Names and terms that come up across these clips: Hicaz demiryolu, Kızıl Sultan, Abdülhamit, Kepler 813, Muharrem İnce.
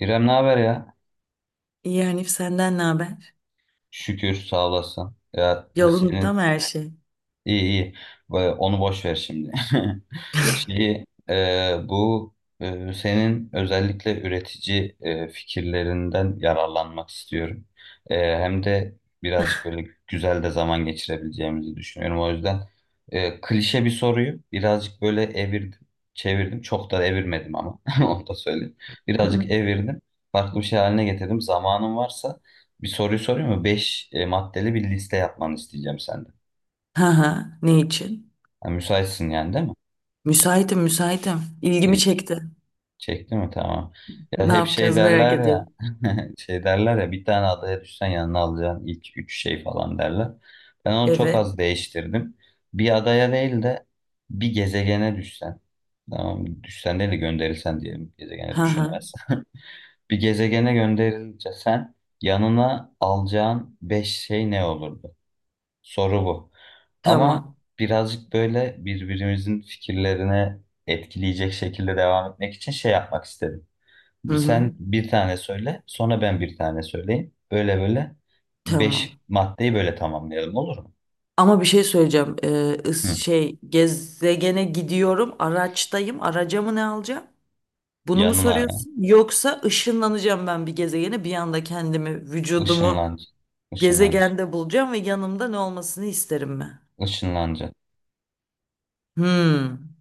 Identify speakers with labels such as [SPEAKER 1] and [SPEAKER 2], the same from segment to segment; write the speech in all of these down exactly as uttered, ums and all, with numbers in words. [SPEAKER 1] İrem, ne haber ya?
[SPEAKER 2] İyi Hanif senden ne haber?
[SPEAKER 1] Şükür, sağ olasın. Ya
[SPEAKER 2] Yolunda
[SPEAKER 1] senin...
[SPEAKER 2] mı her şey?
[SPEAKER 1] İyi iyi. Ba- Onu boş ver şimdi. Şeyi e, bu e, senin özellikle üretici e, fikirlerinden yararlanmak istiyorum. E, hem de birazcık böyle güzel de zaman geçirebileceğimizi düşünüyorum. O yüzden e, klişe bir soruyu birazcık böyle evirdim, çevirdim. Çok da evirmedim ama onu da söyleyeyim. Birazcık evirdim. Farklı bir şey haline getirdim. Zamanın varsa bir soruyu sorayım mı? Beş e, maddeli bir liste yapmanı isteyeceğim senden.
[SPEAKER 2] Ha ha, ne için?
[SPEAKER 1] Ha, müsaitsin yani değil mi?
[SPEAKER 2] Müsaitim müsaitim. İlgimi
[SPEAKER 1] İyi,
[SPEAKER 2] çekti.
[SPEAKER 1] çekti mi? Tamam. Ya
[SPEAKER 2] Ne
[SPEAKER 1] hep şey
[SPEAKER 2] yapacağız merak
[SPEAKER 1] derler ya
[SPEAKER 2] ediyorum.
[SPEAKER 1] şey derler ya bir tane adaya düşsen yanına alacağın ilk üç şey falan derler. Ben onu çok
[SPEAKER 2] Evet.
[SPEAKER 1] az değiştirdim. Bir adaya değil de bir gezegene düşsen. Tamam, düşsen değil de gönderilsen diyelim. Gezegene
[SPEAKER 2] Ha ha,
[SPEAKER 1] düşülmez. Bir gezegene gönderilince sen yanına alacağın beş şey ne olurdu? Soru bu. Ama
[SPEAKER 2] tamam.
[SPEAKER 1] birazcık böyle birbirimizin fikirlerine etkileyecek şekilde devam etmek için şey yapmak istedim.
[SPEAKER 2] Hı hı.
[SPEAKER 1] Sen bir tane söyle, sonra ben bir tane söyleyeyim. Böyle böyle beş
[SPEAKER 2] Tamam.
[SPEAKER 1] maddeyi böyle tamamlayalım, olur mu?
[SPEAKER 2] Ama bir şey söyleyeceğim. Ee, ıs-
[SPEAKER 1] Hı.
[SPEAKER 2] şey gezegene gidiyorum. Araçtayım. Araca mı ne alacağım? Bunu mu
[SPEAKER 1] Yanına ya.
[SPEAKER 2] soruyorsun? Yoksa ışınlanacağım ben bir gezegene. Bir anda kendimi, vücudumu
[SPEAKER 1] Işınlanacak. Işınlanacak.
[SPEAKER 2] gezegende bulacağım ve yanımda ne olmasını isterim ben.
[SPEAKER 1] Işınlanacak.
[SPEAKER 2] Hmm.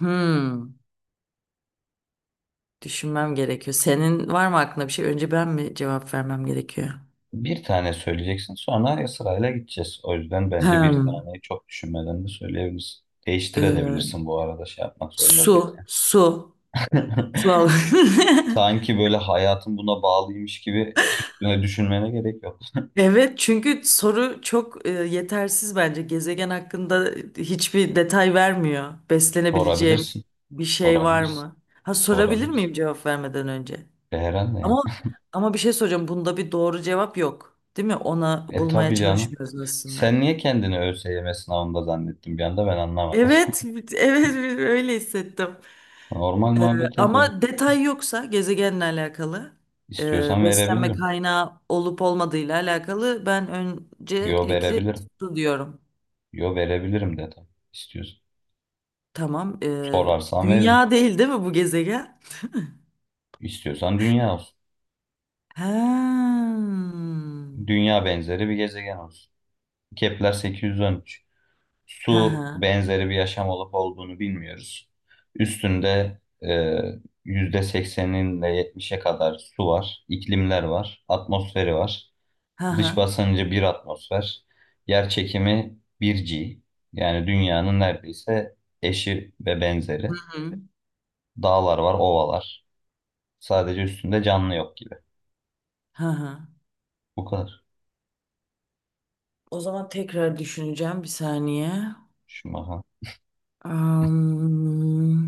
[SPEAKER 2] Hmm, Düşünmem gerekiyor. Senin var mı aklında bir şey? Önce ben mi cevap vermem gerekiyor?
[SPEAKER 1] Bir tane söyleyeceksin, sonra sırayla gideceğiz. O yüzden bence bir
[SPEAKER 2] Hmm,
[SPEAKER 1] taneyi çok düşünmeden de söyleyebilirsin.
[SPEAKER 2] e,
[SPEAKER 1] Değiştirebilirsin bu arada, şey yapmak zorunda değil.
[SPEAKER 2] su, su, su al.
[SPEAKER 1] Sanki böyle hayatın buna bağlıymış gibi üstüne düşünmene gerek yok.
[SPEAKER 2] Evet, çünkü soru çok e, yetersiz bence. Gezegen hakkında hiçbir detay vermiyor. Beslenebileceğim
[SPEAKER 1] Sorabilirsin,
[SPEAKER 2] bir şey var
[SPEAKER 1] sorabilirsin,
[SPEAKER 2] mı? Ha sorabilir miyim
[SPEAKER 1] sorabilirsin.
[SPEAKER 2] cevap vermeden önce?
[SPEAKER 1] E, herhalde yani.
[SPEAKER 2] Ama ama bir şey soracağım. Bunda bir doğru cevap yok, değil mi? Ona
[SPEAKER 1] E
[SPEAKER 2] bulmaya
[SPEAKER 1] tabii canım.
[SPEAKER 2] çalışmıyoruz aslında.
[SPEAKER 1] Sen niye kendini ÖSYM sınavında zannettin bir anda, ben anlamadım.
[SPEAKER 2] Evet, evet evet, öyle hissettim.
[SPEAKER 1] Normal
[SPEAKER 2] Ee,
[SPEAKER 1] muhabbet ediyoruz.
[SPEAKER 2] Ama detay yoksa gezegenle alakalı, e,
[SPEAKER 1] İstiyorsan
[SPEAKER 2] beslenme
[SPEAKER 1] verebilirim.
[SPEAKER 2] kaynağı olup olmadığıyla alakalı ben
[SPEAKER 1] Yo,
[SPEAKER 2] öncelikli
[SPEAKER 1] verebilirim.
[SPEAKER 2] su diyorum.
[SPEAKER 1] Yo, verebilirim dedim. İstiyorsan.
[SPEAKER 2] Tamam. E,
[SPEAKER 1] Sorarsan veririm.
[SPEAKER 2] dünya değil değil mi bu gezegen?
[SPEAKER 1] İstiyorsan dünya olsun.
[SPEAKER 2] Ha.
[SPEAKER 1] Dünya benzeri bir gezegen olsun. Kepler sekiz yüz on üç.
[SPEAKER 2] Ha
[SPEAKER 1] Su
[SPEAKER 2] ha.
[SPEAKER 1] benzeri bir yaşam olup olduğunu bilmiyoruz. Üstünde e, yüzde sekseninin ile yetmişe kadar su var, iklimler var, atmosferi var.
[SPEAKER 2] Ha ha.
[SPEAKER 1] Dış basıncı bir atmosfer, yer çekimi bir g. Yani dünyanın neredeyse eşi ve
[SPEAKER 2] Hı
[SPEAKER 1] benzeri.
[SPEAKER 2] hı.
[SPEAKER 1] Dağlar var, ovalar. Sadece üstünde canlı yok gibi.
[SPEAKER 2] Ha ha.
[SPEAKER 1] Bu kadar.
[SPEAKER 2] O zaman tekrar düşüneceğim bir saniye.
[SPEAKER 1] Şu maha.
[SPEAKER 2] Am,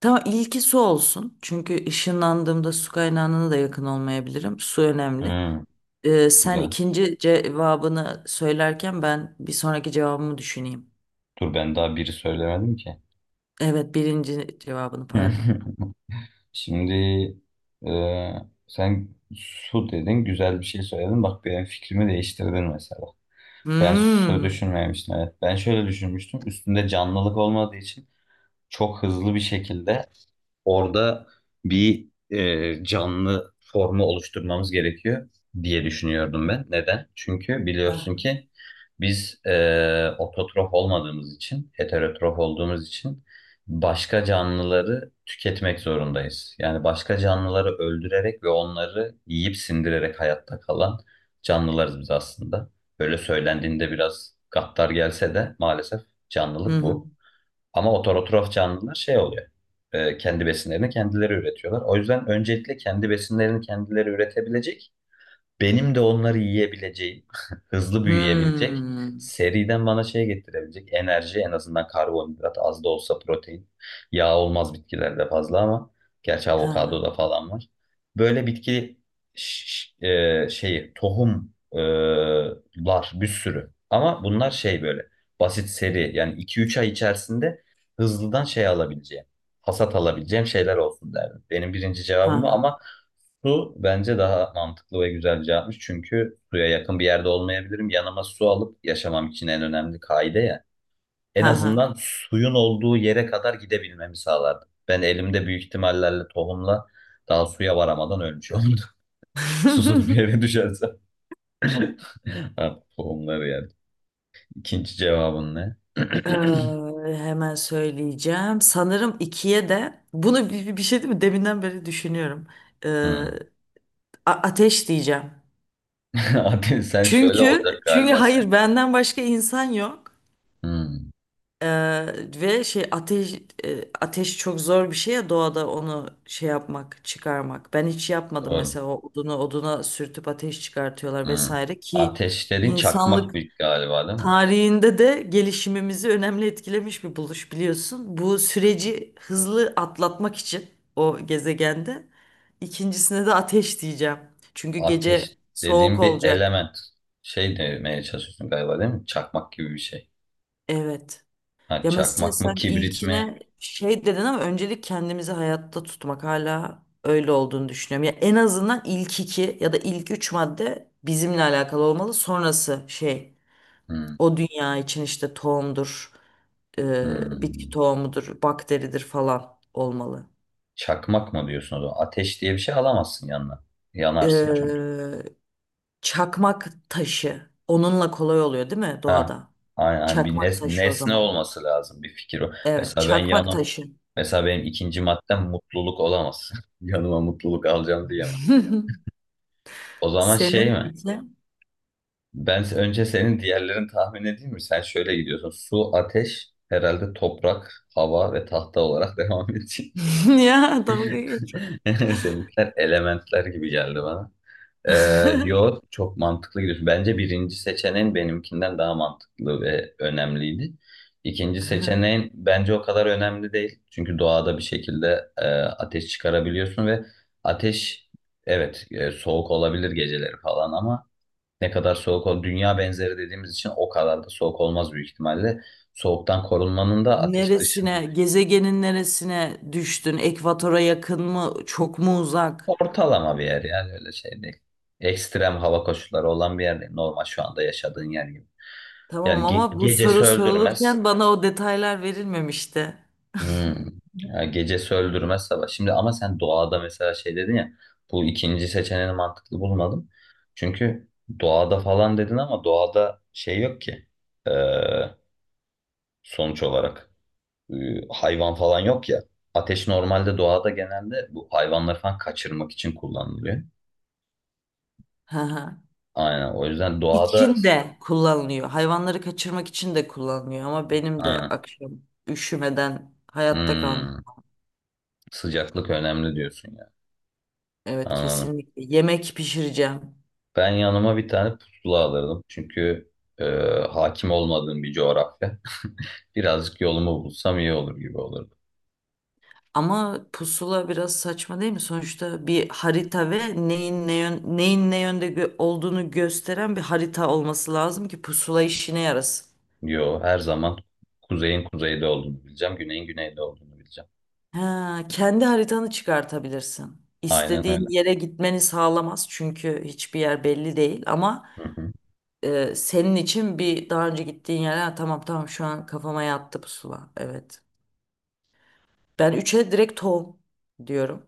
[SPEAKER 2] tamam ilki su olsun. Çünkü ışınlandığımda su kaynağına da yakın olmayabilirim. Su önemli.
[SPEAKER 1] Hmm,
[SPEAKER 2] Ee, sen
[SPEAKER 1] güzel.
[SPEAKER 2] ikinci cevabını söylerken ben bir sonraki cevabımı düşüneyim.
[SPEAKER 1] Dur, ben daha biri söylemedim ki.
[SPEAKER 2] Evet, birinci cevabını pardon.
[SPEAKER 1] Şimdi e, sen su dedin, güzel bir şey söyledin. Bak, benim fikrimi değiştirdin mesela. Ben su
[SPEAKER 2] Hmm.
[SPEAKER 1] düşünmemiştim. Evet. Ben şöyle düşünmüştüm. Üstünde canlılık olmadığı için çok hızlı bir şekilde orada bir e, canlı formu oluşturmamız gerekiyor diye düşünüyordum ben. Neden? Çünkü biliyorsun
[SPEAKER 2] Ha,
[SPEAKER 1] ki biz e, ototrof olmadığımız için, heterotrof olduğumuz için başka canlıları tüketmek zorundayız. Yani başka canlıları öldürerek ve onları yiyip sindirerek hayatta kalan canlılarız biz aslında. Böyle söylendiğinde biraz gaddar gelse de maalesef canlılık
[SPEAKER 2] hı.
[SPEAKER 1] bu. Ama ototrof canlılar şey oluyor. E, kendi besinlerini kendileri üretiyorlar. O yüzden öncelikle kendi besinlerini kendileri üretebilecek, benim de onları yiyebileceğim, hızlı büyüyebilecek,
[SPEAKER 2] Hmm.
[SPEAKER 1] seriden bana şey getirebilecek enerji, en azından karbonhidrat, az da olsa protein. Yağ olmaz bitkilerde fazla ama gerçi
[SPEAKER 2] Ha ha.
[SPEAKER 1] avokadoda falan var. Böyle bitki ş- ş- e, şeyi tohum e, lar bir sürü ama bunlar şey böyle basit seri, yani iki üç ay içerisinde hızlıdan şey alabileceğim, hasat alabileceğim şeyler olsun derdim. Benim birinci
[SPEAKER 2] Ha
[SPEAKER 1] cevabım bu
[SPEAKER 2] ha.
[SPEAKER 1] ama... Su bence daha mantıklı ve güzel cevapmış. Çünkü suya yakın bir yerde olmayabilirim. Yanıma su alıp yaşamam için en önemli kaide ya. En
[SPEAKER 2] Ha ha.
[SPEAKER 1] azından suyun olduğu yere kadar gidebilmemi sağlardı. Ben elimde büyük ihtimallerle tohumla daha suya varamadan ölmüş olurdum. Susuz bir eve düşersem. Ha, tohumları yani. İkinci cevabın ne?
[SPEAKER 2] Ee, Hemen söyleyeceğim. Sanırım ikiye de bunu bir, bir şey değil mi? Deminden beri düşünüyorum. Ee,
[SPEAKER 1] Hmm.
[SPEAKER 2] a- Ateş diyeceğim.
[SPEAKER 1] Abi, sen şöyle olacak
[SPEAKER 2] Çünkü çünkü
[SPEAKER 1] galiba sen.
[SPEAKER 2] hayır benden başka insan yok.
[SPEAKER 1] Hmm.
[SPEAKER 2] Eee, ve şey ateş e, Ateş çok zor bir şey ya doğada onu şey yapmak çıkarmak. Ben hiç yapmadım
[SPEAKER 1] Doğru.
[SPEAKER 2] mesela o odunu oduna sürtüp ateş çıkartıyorlar
[SPEAKER 1] Hmm.
[SPEAKER 2] vesaire ki
[SPEAKER 1] Ateşlerin çakmak
[SPEAKER 2] insanlık
[SPEAKER 1] bir galiba değil mi?
[SPEAKER 2] tarihinde de gelişimimizi önemli etkilemiş bir buluş biliyorsun. Bu süreci hızlı atlatmak için o gezegende ikincisine de ateş diyeceğim. Çünkü
[SPEAKER 1] Ateş
[SPEAKER 2] gece soğuk
[SPEAKER 1] dediğim bir
[SPEAKER 2] olacak.
[SPEAKER 1] element. Şey demeye çalışıyorsun galiba değil mi? Çakmak gibi bir şey.
[SPEAKER 2] Evet.
[SPEAKER 1] Ha,
[SPEAKER 2] Ya mesela
[SPEAKER 1] çakmak mı,
[SPEAKER 2] sen
[SPEAKER 1] kibrit mi?
[SPEAKER 2] ilkine şey dedin ama öncelik kendimizi hayatta tutmak hala öyle olduğunu düşünüyorum. Ya en azından ilk iki ya da ilk üç madde bizimle alakalı olmalı. Sonrası şey
[SPEAKER 1] Hmm,
[SPEAKER 2] o dünya için işte tohumdur, e, bitki
[SPEAKER 1] hmm.
[SPEAKER 2] tohumudur, bakteridir falan olmalı.
[SPEAKER 1] Çakmak mı diyorsun o zaman? Ateş diye bir şey alamazsın yanına.
[SPEAKER 2] E,
[SPEAKER 1] Yanarsın çünkü.
[SPEAKER 2] Çakmak taşı onunla kolay oluyor değil mi
[SPEAKER 1] Ha,
[SPEAKER 2] doğada?
[SPEAKER 1] aynen, aynen. Bir
[SPEAKER 2] Çakmak
[SPEAKER 1] nes-
[SPEAKER 2] taşı o
[SPEAKER 1] nesne
[SPEAKER 2] zaman.
[SPEAKER 1] olması lazım, bir fikir o.
[SPEAKER 2] Evet,
[SPEAKER 1] Mesela ben
[SPEAKER 2] çakmak
[SPEAKER 1] yanım.
[SPEAKER 2] taşı.
[SPEAKER 1] Mesela benim ikinci maddem mutluluk olamaz. Yanıma mutluluk alacağım diyemem. O zaman şey
[SPEAKER 2] Senin
[SPEAKER 1] mi?
[SPEAKER 2] iki.
[SPEAKER 1] Ben se- önce senin diğerlerini tahmin edeyim mi? Sen şöyle gidiyorsun. Su, ateş, herhalde toprak, hava ve tahta olarak devam edeceğim.
[SPEAKER 2] Ya dalga geçme.
[SPEAKER 1] Seninkiler elementler gibi geldi bana. Ee, yo, çok mantıklı gidiyorsun. Bence birinci seçeneğin benimkinden daha mantıklı ve önemliydi. İkinci seçeneğin bence o kadar önemli değil. Çünkü doğada bir şekilde e, ateş çıkarabiliyorsun ve ateş, evet, e, soğuk olabilir geceleri falan ama ne kadar soğuk ol, dünya benzeri dediğimiz için o kadar da soğuk olmaz büyük ihtimalle. Soğuktan korunmanın da ateş dışında
[SPEAKER 2] Neresine, gezegenin neresine düştün? Ekvatora yakın mı, çok mu uzak?
[SPEAKER 1] ortalama bir yer, yani öyle şey değil. Ekstrem hava koşulları olan bir yer değil. Normal şu anda yaşadığın yer gibi.
[SPEAKER 2] Tamam
[SPEAKER 1] Yani ge
[SPEAKER 2] ama bu
[SPEAKER 1] gecesi
[SPEAKER 2] soru
[SPEAKER 1] öldürmez.
[SPEAKER 2] sorulurken bana o detaylar verilmemişti.
[SPEAKER 1] Hmm. Ya, gecesi öldürmez sabah. Şimdi ama sen doğada mesela şey dedin ya, bu ikinci seçeneğini mantıklı bulmadım. Çünkü doğada falan dedin ama doğada şey yok ki. Ee, Sonuç olarak. e, Hayvan falan yok ya. Ateş normalde doğada genelde bu hayvanları falan kaçırmak için kullanılıyor.
[SPEAKER 2] Hı hı.
[SPEAKER 1] Aynen, o yüzden doğada
[SPEAKER 2] İçin de kullanılıyor. Hayvanları kaçırmak için de kullanılıyor ama benim de
[SPEAKER 1] aynen,
[SPEAKER 2] akşam üşümeden hayatta
[SPEAKER 1] Hmm,
[SPEAKER 2] kalmam.
[SPEAKER 1] sıcaklık önemli diyorsun ya.
[SPEAKER 2] Evet
[SPEAKER 1] Anladım.
[SPEAKER 2] kesinlikle. Yemek pişireceğim.
[SPEAKER 1] Ben yanıma bir tane pusula alırdım. Çünkü e, hakim olmadığım bir coğrafya. Birazcık yolumu bulsam iyi olur gibi olurdu.
[SPEAKER 2] Ama pusula biraz saçma değil mi? Sonuçta bir harita ve neyin ne yön, neyin ne yönde gö- olduğunu gösteren bir harita olması lazım ki pusula işine yarasın.
[SPEAKER 1] Yo, her zaman kuzeyin kuzeyde olduğunu bileceğim, güneyin güneyde olduğunu bileceğim.
[SPEAKER 2] Ha, kendi haritanı çıkartabilirsin.
[SPEAKER 1] Aynen öyle.
[SPEAKER 2] İstediğin yere gitmeni sağlamaz çünkü hiçbir yer belli değil ama
[SPEAKER 1] Hı hı.
[SPEAKER 2] e, senin için bir daha önce gittiğin yere "Ha, tamam tamam şu an kafama yattı pusula. Evet. Ben üçe direkt tohum diyorum.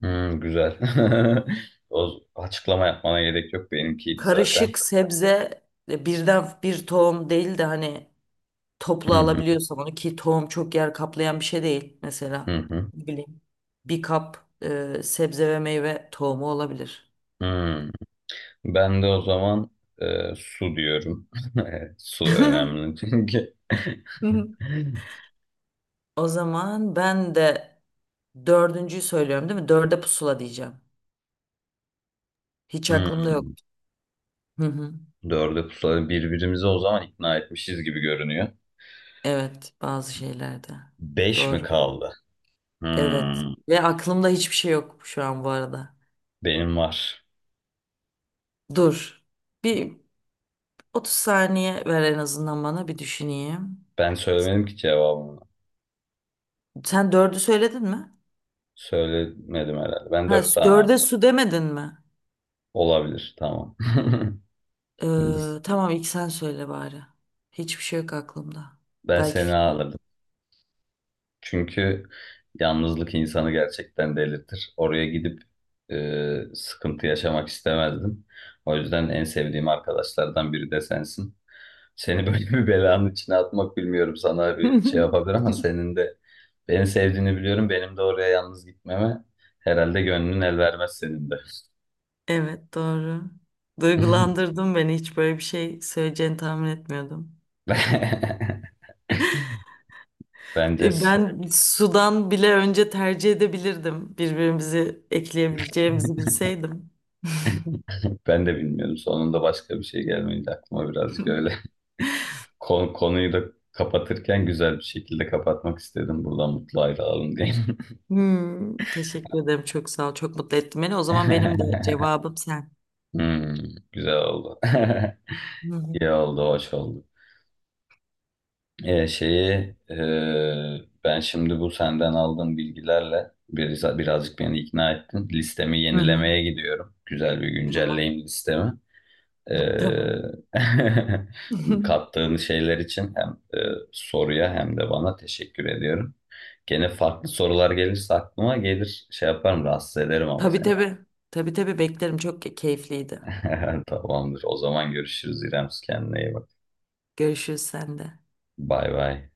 [SPEAKER 1] Hmm, güzel. O açıklama yapmana gerek yok. Benimkiydi zaten.
[SPEAKER 2] Karışık sebze e, birden bir tohum değil de hani toplu
[SPEAKER 1] Hı hı,
[SPEAKER 2] alabiliyorsam onu ki tohum çok yer kaplayan bir şey değil
[SPEAKER 1] hı
[SPEAKER 2] mesela.
[SPEAKER 1] hı,
[SPEAKER 2] Ne bileyim. Bir kap e, sebze ve meyve tohumu olabilir.
[SPEAKER 1] hı. Ben de o zaman e, su diyorum. Su önemli çünkü.
[SPEAKER 2] O zaman ben de dördüncüyü söylüyorum değil mi? Dörde pusula diyeceğim. Hiç aklımda yok.
[SPEAKER 1] Hmm.
[SPEAKER 2] Hı hı.
[SPEAKER 1] Dörde pusulayı birbirimizi o zaman ikna etmişiz gibi görünüyor.
[SPEAKER 2] Evet, bazı şeylerde.
[SPEAKER 1] Beş mi
[SPEAKER 2] Doğru.
[SPEAKER 1] kaldı?
[SPEAKER 2] Evet.
[SPEAKER 1] Hmm.
[SPEAKER 2] Ve aklımda hiçbir şey yok şu an bu arada.
[SPEAKER 1] Benim var.
[SPEAKER 2] Dur. Bir otuz saniye ver en azından bana bir düşüneyim.
[SPEAKER 1] Ben söylemedim ki cevabını.
[SPEAKER 2] Sen dördü söyledin mi?
[SPEAKER 1] Söylemedim herhalde. Ben
[SPEAKER 2] Ha,
[SPEAKER 1] dört
[SPEAKER 2] s-
[SPEAKER 1] tane
[SPEAKER 2] dörde
[SPEAKER 1] aldım.
[SPEAKER 2] su demedin mi?
[SPEAKER 1] Olabilir. Tamam.
[SPEAKER 2] Ee, tamam ilk sen söyle bari. Hiçbir şey yok aklımda.
[SPEAKER 1] Ben
[SPEAKER 2] Belki
[SPEAKER 1] seni
[SPEAKER 2] fikrim olur.
[SPEAKER 1] aldım. Çünkü yalnızlık insanı gerçekten delirtir. Oraya gidip e, sıkıntı yaşamak istemezdim. O yüzden en sevdiğim arkadaşlardan biri de sensin. Seni böyle bir belanın içine atmak bilmiyorum sana bir şey yapabilir ama senin de beni sevdiğini biliyorum. Benim de oraya yalnız gitmeme herhalde gönlün el vermez senin de.
[SPEAKER 2] Evet doğru. Duygulandırdın beni. Hiç böyle bir şey söyleyeceğini tahmin etmiyordum.
[SPEAKER 1] Bence
[SPEAKER 2] E,
[SPEAKER 1] se-
[SPEAKER 2] Ben sudan bile önce tercih edebilirdim. Birbirimizi ekleyebileceğimizi bilseydim.
[SPEAKER 1] Ben de bilmiyorum. Sonunda başka bir şey gelmeyince aklıma birazcık öyle. Kon- konuyu da kapatırken güzel bir şekilde kapatmak istedim. Buradan mutlu ayrılalım diye.
[SPEAKER 2] Hmm, teşekkür ederim. Çok sağ ol. Çok mutlu ettin beni. O zaman benim de cevabım sen.
[SPEAKER 1] Hmm, güzel oldu.
[SPEAKER 2] Hı hı.
[SPEAKER 1] İyi oldu, hoş oldu. Ee, şeyi e, ben şimdi bu senden aldığım bilgilerle biraz, birazcık beni ikna ettin. Listemi
[SPEAKER 2] Hı hı.
[SPEAKER 1] yenilemeye gidiyorum. Güzel bir
[SPEAKER 2] Tamam.
[SPEAKER 1] güncelleyim listemi. Ee,
[SPEAKER 2] Tamam.
[SPEAKER 1] kattığın şeyler için hem e, soruya hem de bana teşekkür ediyorum. Gene farklı sorular gelirse aklıma gelir şey yaparım rahatsız ederim ama
[SPEAKER 2] Tabii
[SPEAKER 1] seni.
[SPEAKER 2] tabii. Tabii tabii beklerim. Çok keyifliydi.
[SPEAKER 1] Tamamdır. O zaman görüşürüz İrem. Kendine iyi bak.
[SPEAKER 2] Görüşürüz sen de.
[SPEAKER 1] Bay bay.